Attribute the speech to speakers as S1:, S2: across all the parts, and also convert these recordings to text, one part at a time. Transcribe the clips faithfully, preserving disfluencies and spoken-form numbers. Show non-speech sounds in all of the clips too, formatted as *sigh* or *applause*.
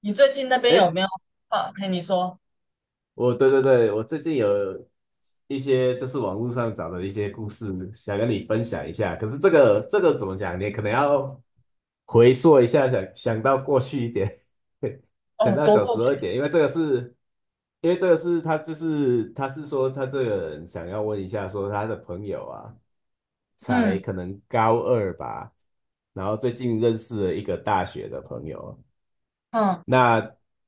S1: 你最近那边有
S2: 哎，
S1: 没有啊？嘿，你说。
S2: 我对对对，我最近有一些就是网络上找的一些故事，想跟你分享一下。可是这个这个怎么讲？你可能要回溯一下，想想到过去一点，*laughs* 想
S1: 哦，
S2: 到
S1: 都
S2: 小
S1: 过
S2: 时
S1: 去。
S2: 候一点，因为这个是，因为这个是他就是他是说他这个人想要问一下，说他的朋友啊，才
S1: 嗯
S2: 可能高二吧，然后最近认识了一个大学的朋友。
S1: 嗯。
S2: 那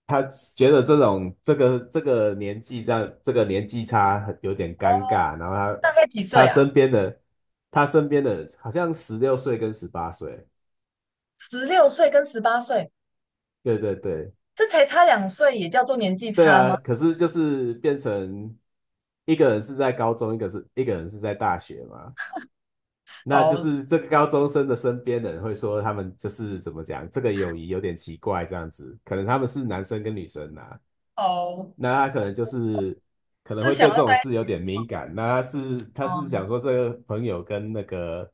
S2: 他觉得这种这个这个年纪这样这个年纪差很有点
S1: 哦，
S2: 尴尬，然后他
S1: 大概几
S2: 他
S1: 岁啊？
S2: 身边的他身边的好像十六岁跟十八岁，
S1: 十六岁跟十八岁。
S2: 对对对
S1: 这才差两岁，也叫做年纪
S2: 对
S1: 差
S2: 啊，
S1: 吗？
S2: 可是就是变成一个人是在高中，一个是一个人是在大学嘛，那就
S1: 哦
S2: 是这个高中生的身边的人会说他们就是怎么讲，这个友谊有点奇怪这样子，可能他们是男生跟女生呐、
S1: 哦，
S2: 那他可能就是可能
S1: 是
S2: 会
S1: 想
S2: 对这
S1: 要在
S2: 种事有
S1: 一起
S2: 点
S1: 是吗？
S2: 敏感。那他是他是想
S1: 嗯
S2: 说，这个朋友跟那个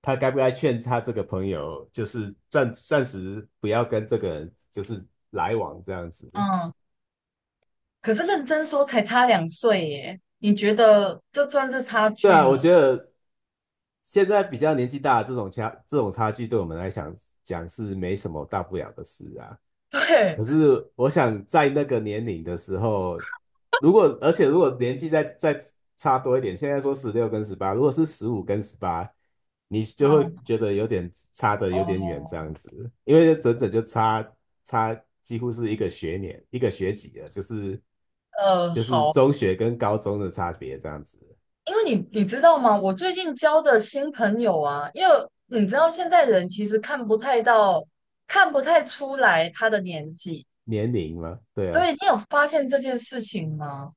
S2: 他该不该劝他这个朋友，就是暂暂时不要跟这个人就是来往这样子。
S1: 嗯。可是认真说才差两岁耶，你觉得这算是差
S2: 对
S1: 距
S2: 啊，我
S1: 吗？
S2: 觉得现在比较年纪大的这种差这种差距，对我们来讲讲是没什么大不了的事啊。
S1: *laughs* 对。
S2: 可是我想在那个年龄的时候，如果而且如果年纪再再差多一点，现在说十六跟十八，如果是十五跟十八，你就会
S1: 嗯。
S2: 觉得有点差的有点远这样
S1: 哦。
S2: 子，因为整整就差差几乎是一个学年一个学级了，就是
S1: 呃，
S2: 就是
S1: 好。
S2: 中学跟高中的差别这样子，
S1: 因为你你知道吗？我最近交的新朋友啊，因为嗯你知道现在人其实看不太到，看不太出来他的年纪。
S2: 年龄嘛，对啊，
S1: 对，你有发现这件事情吗？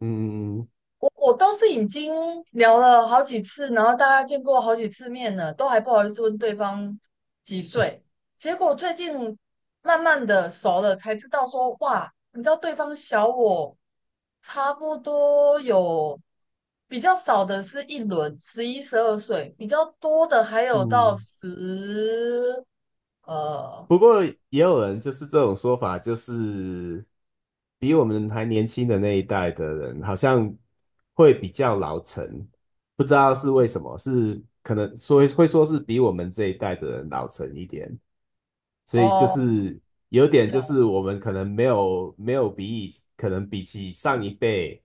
S2: 嗯嗯
S1: 我我都是已经聊了好几次，然后大家见过好几次面了，都还不好意思问对方几岁。结果最近慢慢的熟了，才知道说哇，你知道对方小我差不多有。比较少的是一轮十一、十二岁，比较多的还有到
S2: 嗯。
S1: 十。呃
S2: 不过也有人就是这种说法，就是比我们还年轻的那一代的人，好像会比较老成，不知道是为什么，是可能说会说是比我们这一代的人老成一点，所以就
S1: 哦。
S2: 是有点就是我们可能没有没有比以可能比起上一辈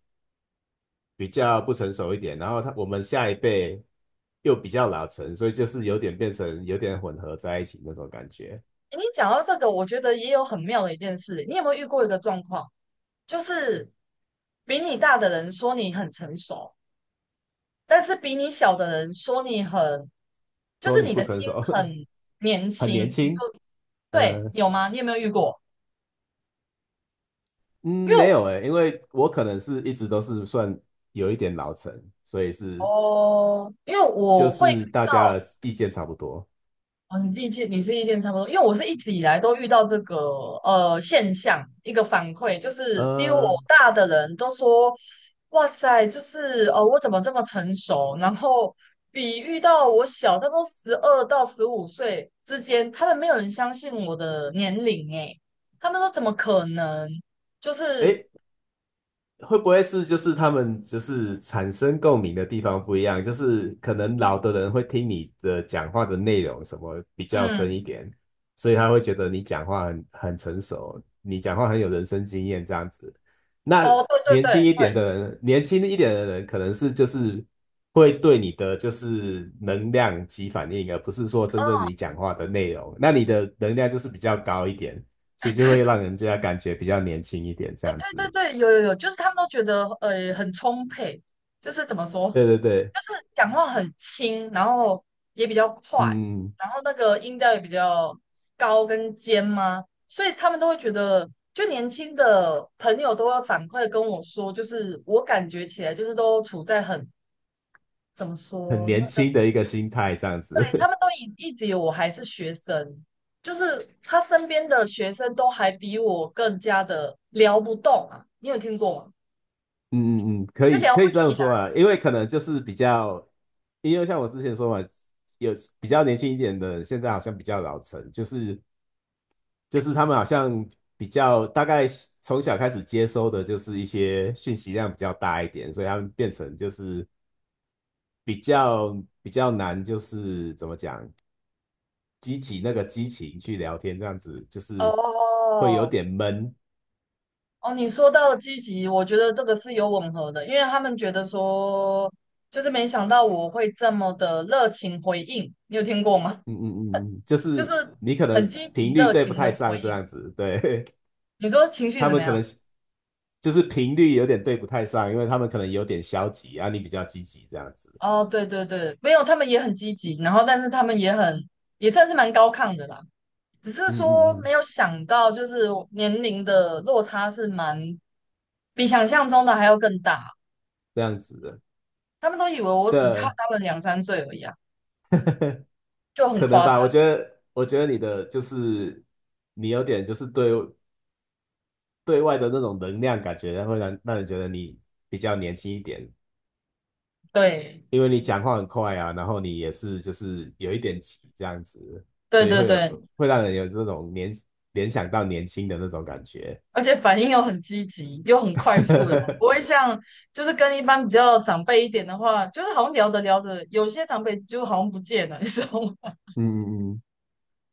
S2: 比较不成熟一点，然后他我们下一辈又比较老成，所以就是有点变成有点混合在一起那种感觉。
S1: 你讲到这个，我觉得也有很妙的一件事。你有没有遇过一个状况，就是比你大的人说你很成熟，但是比你小的人说你很，就
S2: 说
S1: 是
S2: 你
S1: 你
S2: 不
S1: 的
S2: 成
S1: 心
S2: 熟，
S1: 很年
S2: *laughs* 很年
S1: 轻。你说
S2: 轻。
S1: 对，
S2: 呃，
S1: 有吗？你有没有遇过？因
S2: 嗯，
S1: 为
S2: 没
S1: 我。
S2: 有诶，因为我可能是一直都是算有一点老成，所以是
S1: 哦，因为
S2: 就
S1: 我会遇
S2: 是大家
S1: 到。
S2: 的意见差不多。
S1: 哦，你自己见，你是意见差不多，因为我是一直以来都遇到这个呃现象，一个反馈就是，比我
S2: 呃，
S1: 大的人都说，哇塞，就是呃我怎么这么成熟？然后比遇到我小，他不多十二到十五岁之间，他们没有人相信我的年龄诶，他们说怎么可能？就是。
S2: 诶，会不会是就是他们就是产生共鸣的地方不一样？就是可能老的人会听你的讲话的内容什么比较深一
S1: 嗯。
S2: 点，所以他会觉得你讲话很很成熟，你讲话很有人生经验这样子。那
S1: 哦，对对
S2: 年轻
S1: 对对。
S2: 一点的人，年轻一点的人可能是就是会对你的就是能量起反应，而不是说真正
S1: 哦。
S2: 你讲话的内容。那你的能量就是比较高一点，
S1: *laughs*
S2: 所
S1: 哎，
S2: 以就
S1: 对。
S2: 会让人家感觉比较年轻一点这
S1: 哎，
S2: 样
S1: 对对
S2: 子。
S1: 对，有有有，就是他们都觉得呃很充沛，就是怎么说，就
S2: 对对对。
S1: 是讲话很轻，然后也比较快，
S2: 嗯，
S1: 然后那个音调也比较高跟尖嘛，所以他们都会觉得，就年轻的朋友都会反馈跟我说，就是我感觉起来就是都处在很怎么
S2: 很
S1: 说，那
S2: 年
S1: 叫
S2: 轻的一个心态这样
S1: 对他
S2: 子，
S1: 们都一一直以为我还是学生，就是他身边的学生都还比我更加的聊不动啊，你有听过吗？
S2: *laughs* 嗯嗯嗯，可
S1: 就
S2: 以
S1: 聊
S2: 可以
S1: 不
S2: 这
S1: 起
S2: 样说
S1: 来。
S2: 啊，因为可能就是比较，因为像我之前说嘛，有比较年轻一点的，现在好像比较老成，就是就是他们好像比较大概从小开始接收的就是一些讯息量比较大一点，所以他们变成就是比较比较难，就是怎么讲，激起那个激情去聊天这样子，就是会有
S1: 哦。
S2: 点闷。
S1: 哦，你说到积极，我觉得这个是有吻合的，因为他们觉得说，就是没想到我会这么的热情回应，你有听过吗？
S2: 嗯嗯嗯，嗯就
S1: *laughs* 就是
S2: 是你可
S1: 很
S2: 能
S1: 积极
S2: 频率
S1: 热
S2: 对不
S1: 情的
S2: 太
S1: 回
S2: 上这
S1: 应。
S2: 样子，对，
S1: 你说情
S2: *laughs*
S1: 绪
S2: 他
S1: 怎么
S2: 们可
S1: 样？
S2: 能是就是频率有点对不太上，因为他们可能有点消极啊，你比较积极这样子，
S1: 哦，对对对，没有，他们也很积极，然后但是他们也很也算是蛮高亢的啦，只是
S2: 嗯
S1: 说
S2: 嗯
S1: 没
S2: 嗯，
S1: 有想到，就是年龄的落差是蛮比想象中的还要更大。
S2: 这样子的，
S1: 他们都以为我只大
S2: 对，
S1: 他们两三岁而已啊，
S2: *laughs*
S1: 就很
S2: 可能
S1: 夸
S2: 吧，
S1: 张。
S2: 我觉得我觉得你的就是你有点就是对对外的那种能量感觉，会让让人觉得你比较年轻一点，
S1: 对，
S2: 因为你讲话很快啊，然后你也是就是有一点急这样子，
S1: 对
S2: 所以
S1: 对
S2: 会
S1: 对，
S2: 有会让人有这种年联想到年轻的那种感觉。
S1: 而且反应又很积极，又很快速的嘛，不会
S2: *laughs*
S1: 像就是跟一般比较长辈一点的话，就是好像聊着聊着，有些长辈就好像不见了，*laughs* 你知道吗？
S2: 嗯嗯嗯，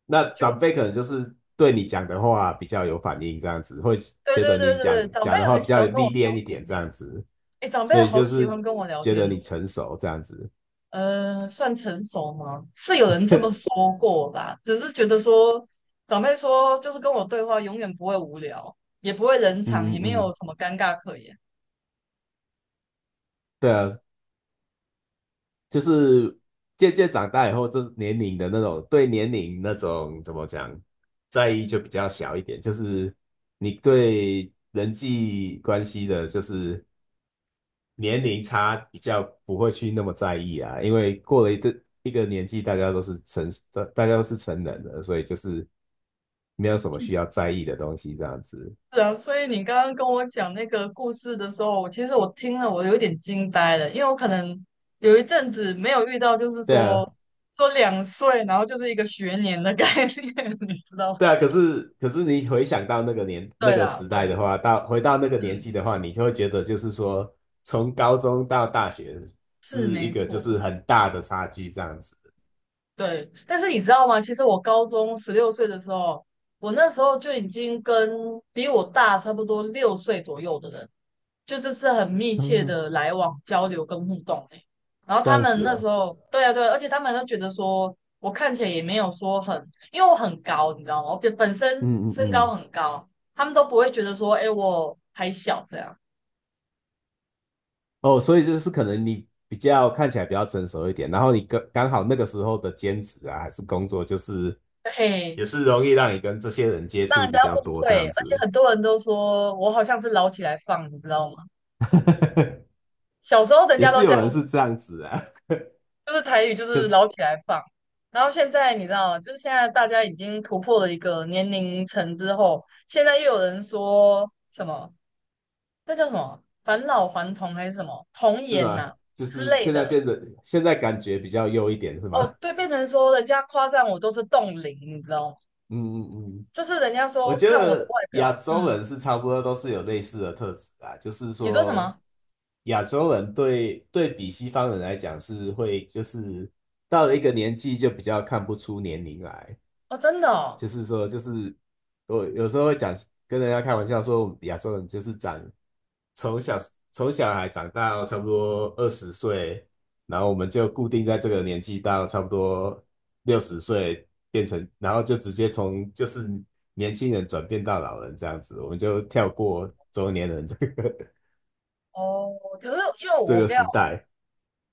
S2: 那
S1: *laughs* 就
S2: 长辈可能就是对你讲的话比较有反应，这样子会
S1: 对
S2: 觉得
S1: 对对
S2: 你讲
S1: 对，长辈
S2: 讲的话
S1: 很
S2: 比
S1: 喜
S2: 较
S1: 欢跟
S2: 历
S1: 我聊
S2: 练一
S1: 天
S2: 点，
S1: 呢、
S2: 这样子，
S1: 欸哎，长辈
S2: 所以
S1: 好
S2: 就
S1: 喜
S2: 是
S1: 欢跟我聊
S2: 觉
S1: 天
S2: 得
S1: 哦。
S2: 你成熟这样子。
S1: 呃，算成熟吗？是有人这么说过啦，只是觉得说长辈说，就是跟我对话永远不会无聊，也不会冷场，
S2: 嗯
S1: 也没
S2: 嗯
S1: 有
S2: 嗯，
S1: 什么尴尬可言。
S2: 对啊，就是渐渐长大以后，就是年龄的那种对年龄那种怎么讲在意就比较小一点，就是你对人际关系的，就是年龄差比较不会去那么在意啊，因为过了一个一个年纪，大家都是成大大家都是成人了，所以就是没有什么需要在意的东西这样子。
S1: 是啊，所以你刚刚跟我讲那个故事的时候，其实我听了我有点惊呆了，因为我可能有一阵子没有遇到，就是
S2: 对啊，
S1: 说说两岁，然后就是一个学年的概念，*laughs* 你知道吗
S2: 对啊，可是可是你回想到那个年那
S1: 对
S2: 个
S1: 啦，
S2: 时
S1: 对
S2: 代
S1: 啦，
S2: 的话，到回到那个年
S1: 是
S2: 纪的话，你就会觉得就是说，从高中到大学是
S1: 是
S2: 一
S1: 没
S2: 个就是
S1: 错。
S2: 很大的差距这样子。
S1: 对，但是你知道吗？其实我高中十六岁的时候，我那时候就已经跟比我大差不多六岁左右的人，就这是很密切
S2: 嗯，
S1: 的来往、交流跟互动欸。然后
S2: 这
S1: 他
S2: 样
S1: 们
S2: 子
S1: 那时
S2: 哦，
S1: 候，对啊，对啊而且他们都觉得说我看起来也没有说很，因为我很高，你知道吗？我本本身
S2: 嗯嗯
S1: 身高
S2: 嗯，
S1: 很高，他们都不会觉得说，哎，我还小这样，
S2: 哦，所以就是可能你比较看起来比较成熟一点，然后你刚刚好那个时候的兼职啊，还是工作，就是
S1: 嘿，
S2: 也是容易让你跟这些人接
S1: 让
S2: 触
S1: 人
S2: 比
S1: 家
S2: 较
S1: 误
S2: 多这
S1: 会。
S2: 样
S1: 而且
S2: 子，
S1: 很多人都说我好像是捞起来放，你知道吗？
S2: *laughs*
S1: 小时候人
S2: 也
S1: 家
S2: 是
S1: 都这
S2: 有
S1: 样。
S2: 人是这样子啊。
S1: 就是台语就
S2: 可
S1: 是
S2: 是。
S1: 捞起来放。然后现在你知道，就是现在大家已经突破了一个年龄层之后，现在又有人说什么那叫什么返老还童还是什么童
S2: 是
S1: 颜
S2: 吗？
S1: 呐、
S2: 就
S1: 之
S2: 是
S1: 类
S2: 现在
S1: 的。
S2: 变得，现在感觉比较优一点，是吗？
S1: 哦，对，
S2: *laughs*
S1: 变成说人家夸赞我都是冻龄，你知道吗？
S2: 嗯嗯嗯，
S1: 就是人家
S2: 我
S1: 说
S2: 觉
S1: 看我的
S2: 得
S1: 外
S2: 亚
S1: 表，
S2: 洲
S1: 嗯。
S2: 人是差不多都是有类似的特质啊，就是
S1: 你说什
S2: 说
S1: 么？
S2: 亚洲人对对比西方人来讲是会，就是到了一个年纪就比较看不出年龄来，
S1: 哦，真的哦。
S2: 就是说就是我有时候会讲跟人家开玩笑说，我们亚洲人就是长从小从小孩长到差不多二十岁，然后我们就固定在这个年纪到差不多六十岁，变成，然后就直接从就是年轻人转变到老人这样子，我们就跳过中年人这个 *laughs*
S1: 哦，可是因为
S2: 这
S1: 我
S2: 个
S1: 比要
S2: 时代。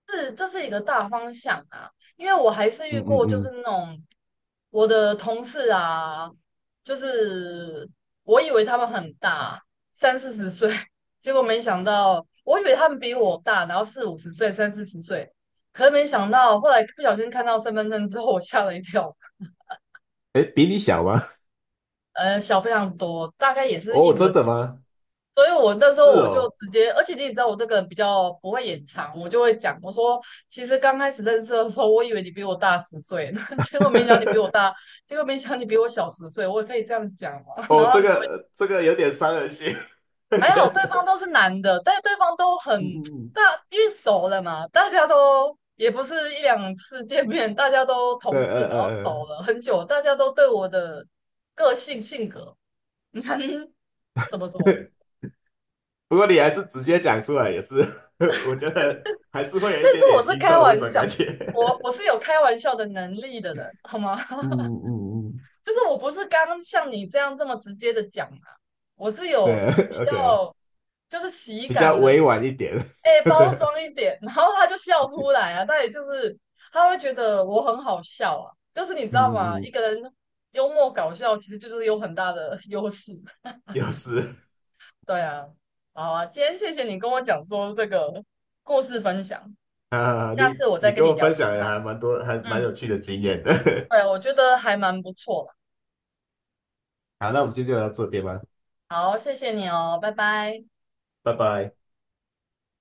S1: 是这是一个大方向啊，因为我还是
S2: 嗯
S1: 遇
S2: 嗯
S1: 过就是
S2: 嗯，
S1: 那种我的同事啊，就是我以为他们很大，三四十岁，*laughs* 结果没想到，我以为他们比我大，然后四五十岁、三四十岁，可是没想到，后来不小心看到身份证之后，我吓了一跳，
S2: 哎，比你小吗？*laughs*
S1: 呃，小非常多，大概也是一
S2: 哦，真
S1: 轮。
S2: 的吗？
S1: 所以我那时候
S2: 是
S1: 我就
S2: 哦，
S1: 直接，而且你也知道我这个人比较不会隐藏，我就会讲，我说其实刚开始认识的时候，我以为你比我大十岁 *laughs* 结果没想到你比我
S2: *laughs*
S1: 大，结果没想到你比我小十岁，我也可以这样讲嘛。*laughs* 然后
S2: 哦，
S1: 他
S2: 这
S1: 们就
S2: 个这个有点伤人心，*laughs*
S1: 还
S2: 觉
S1: 好，对方
S2: 得，
S1: 都是男的，但是对方都很
S2: 嗯嗯嗯，
S1: 大，因为熟了嘛，大家都也不是一两次见面，大家都
S2: 呃
S1: 同事，然后
S2: 呃
S1: 熟
S2: 呃
S1: 了很久，大家都对我的个性性格 *laughs* 怎么说？
S2: 呃不过你还是直接讲出来，也是，*laughs* 我觉得还是会有一
S1: 但是
S2: 点点
S1: 我是
S2: 心
S1: 开
S2: 痛的那
S1: 玩
S2: 种
S1: 笑，
S2: 感觉。
S1: 我我是有开玩笑的能力的人，好吗？
S2: *laughs* 嗯
S1: *laughs*
S2: 嗯嗯，
S1: 就是我不是刚像你这样这么直接的讲嘛，我是
S2: *laughs*
S1: 有
S2: 对
S1: 比
S2: ，OK，
S1: 较就是喜
S2: 比较
S1: 感的，
S2: 委婉一点，
S1: 哎、
S2: *laughs*
S1: 包
S2: 对，
S1: 装一点，然后他就笑出来啊，他也就是他会觉得我很好笑啊，就是你知道吗？
S2: 嗯嗯
S1: 一
S2: 嗯，
S1: 个人幽默搞笑其实就是有很大的优势，
S2: 有时
S1: 对啊，好啊，今天谢谢你跟我讲说这个故事分享，
S2: *laughs* 啊，
S1: 下
S2: 你
S1: 次我再
S2: 你
S1: 跟
S2: 跟我
S1: 你聊
S2: 分
S1: 其
S2: 享了
S1: 他的
S2: 还蛮多，还蛮
S1: 嗯。
S2: 有趣的经验的。
S1: 对，我觉得还蛮不错的。
S2: *laughs* 好，那我们今天就聊到这边吧，
S1: 好，谢谢你哦，拜拜。
S2: 拜拜。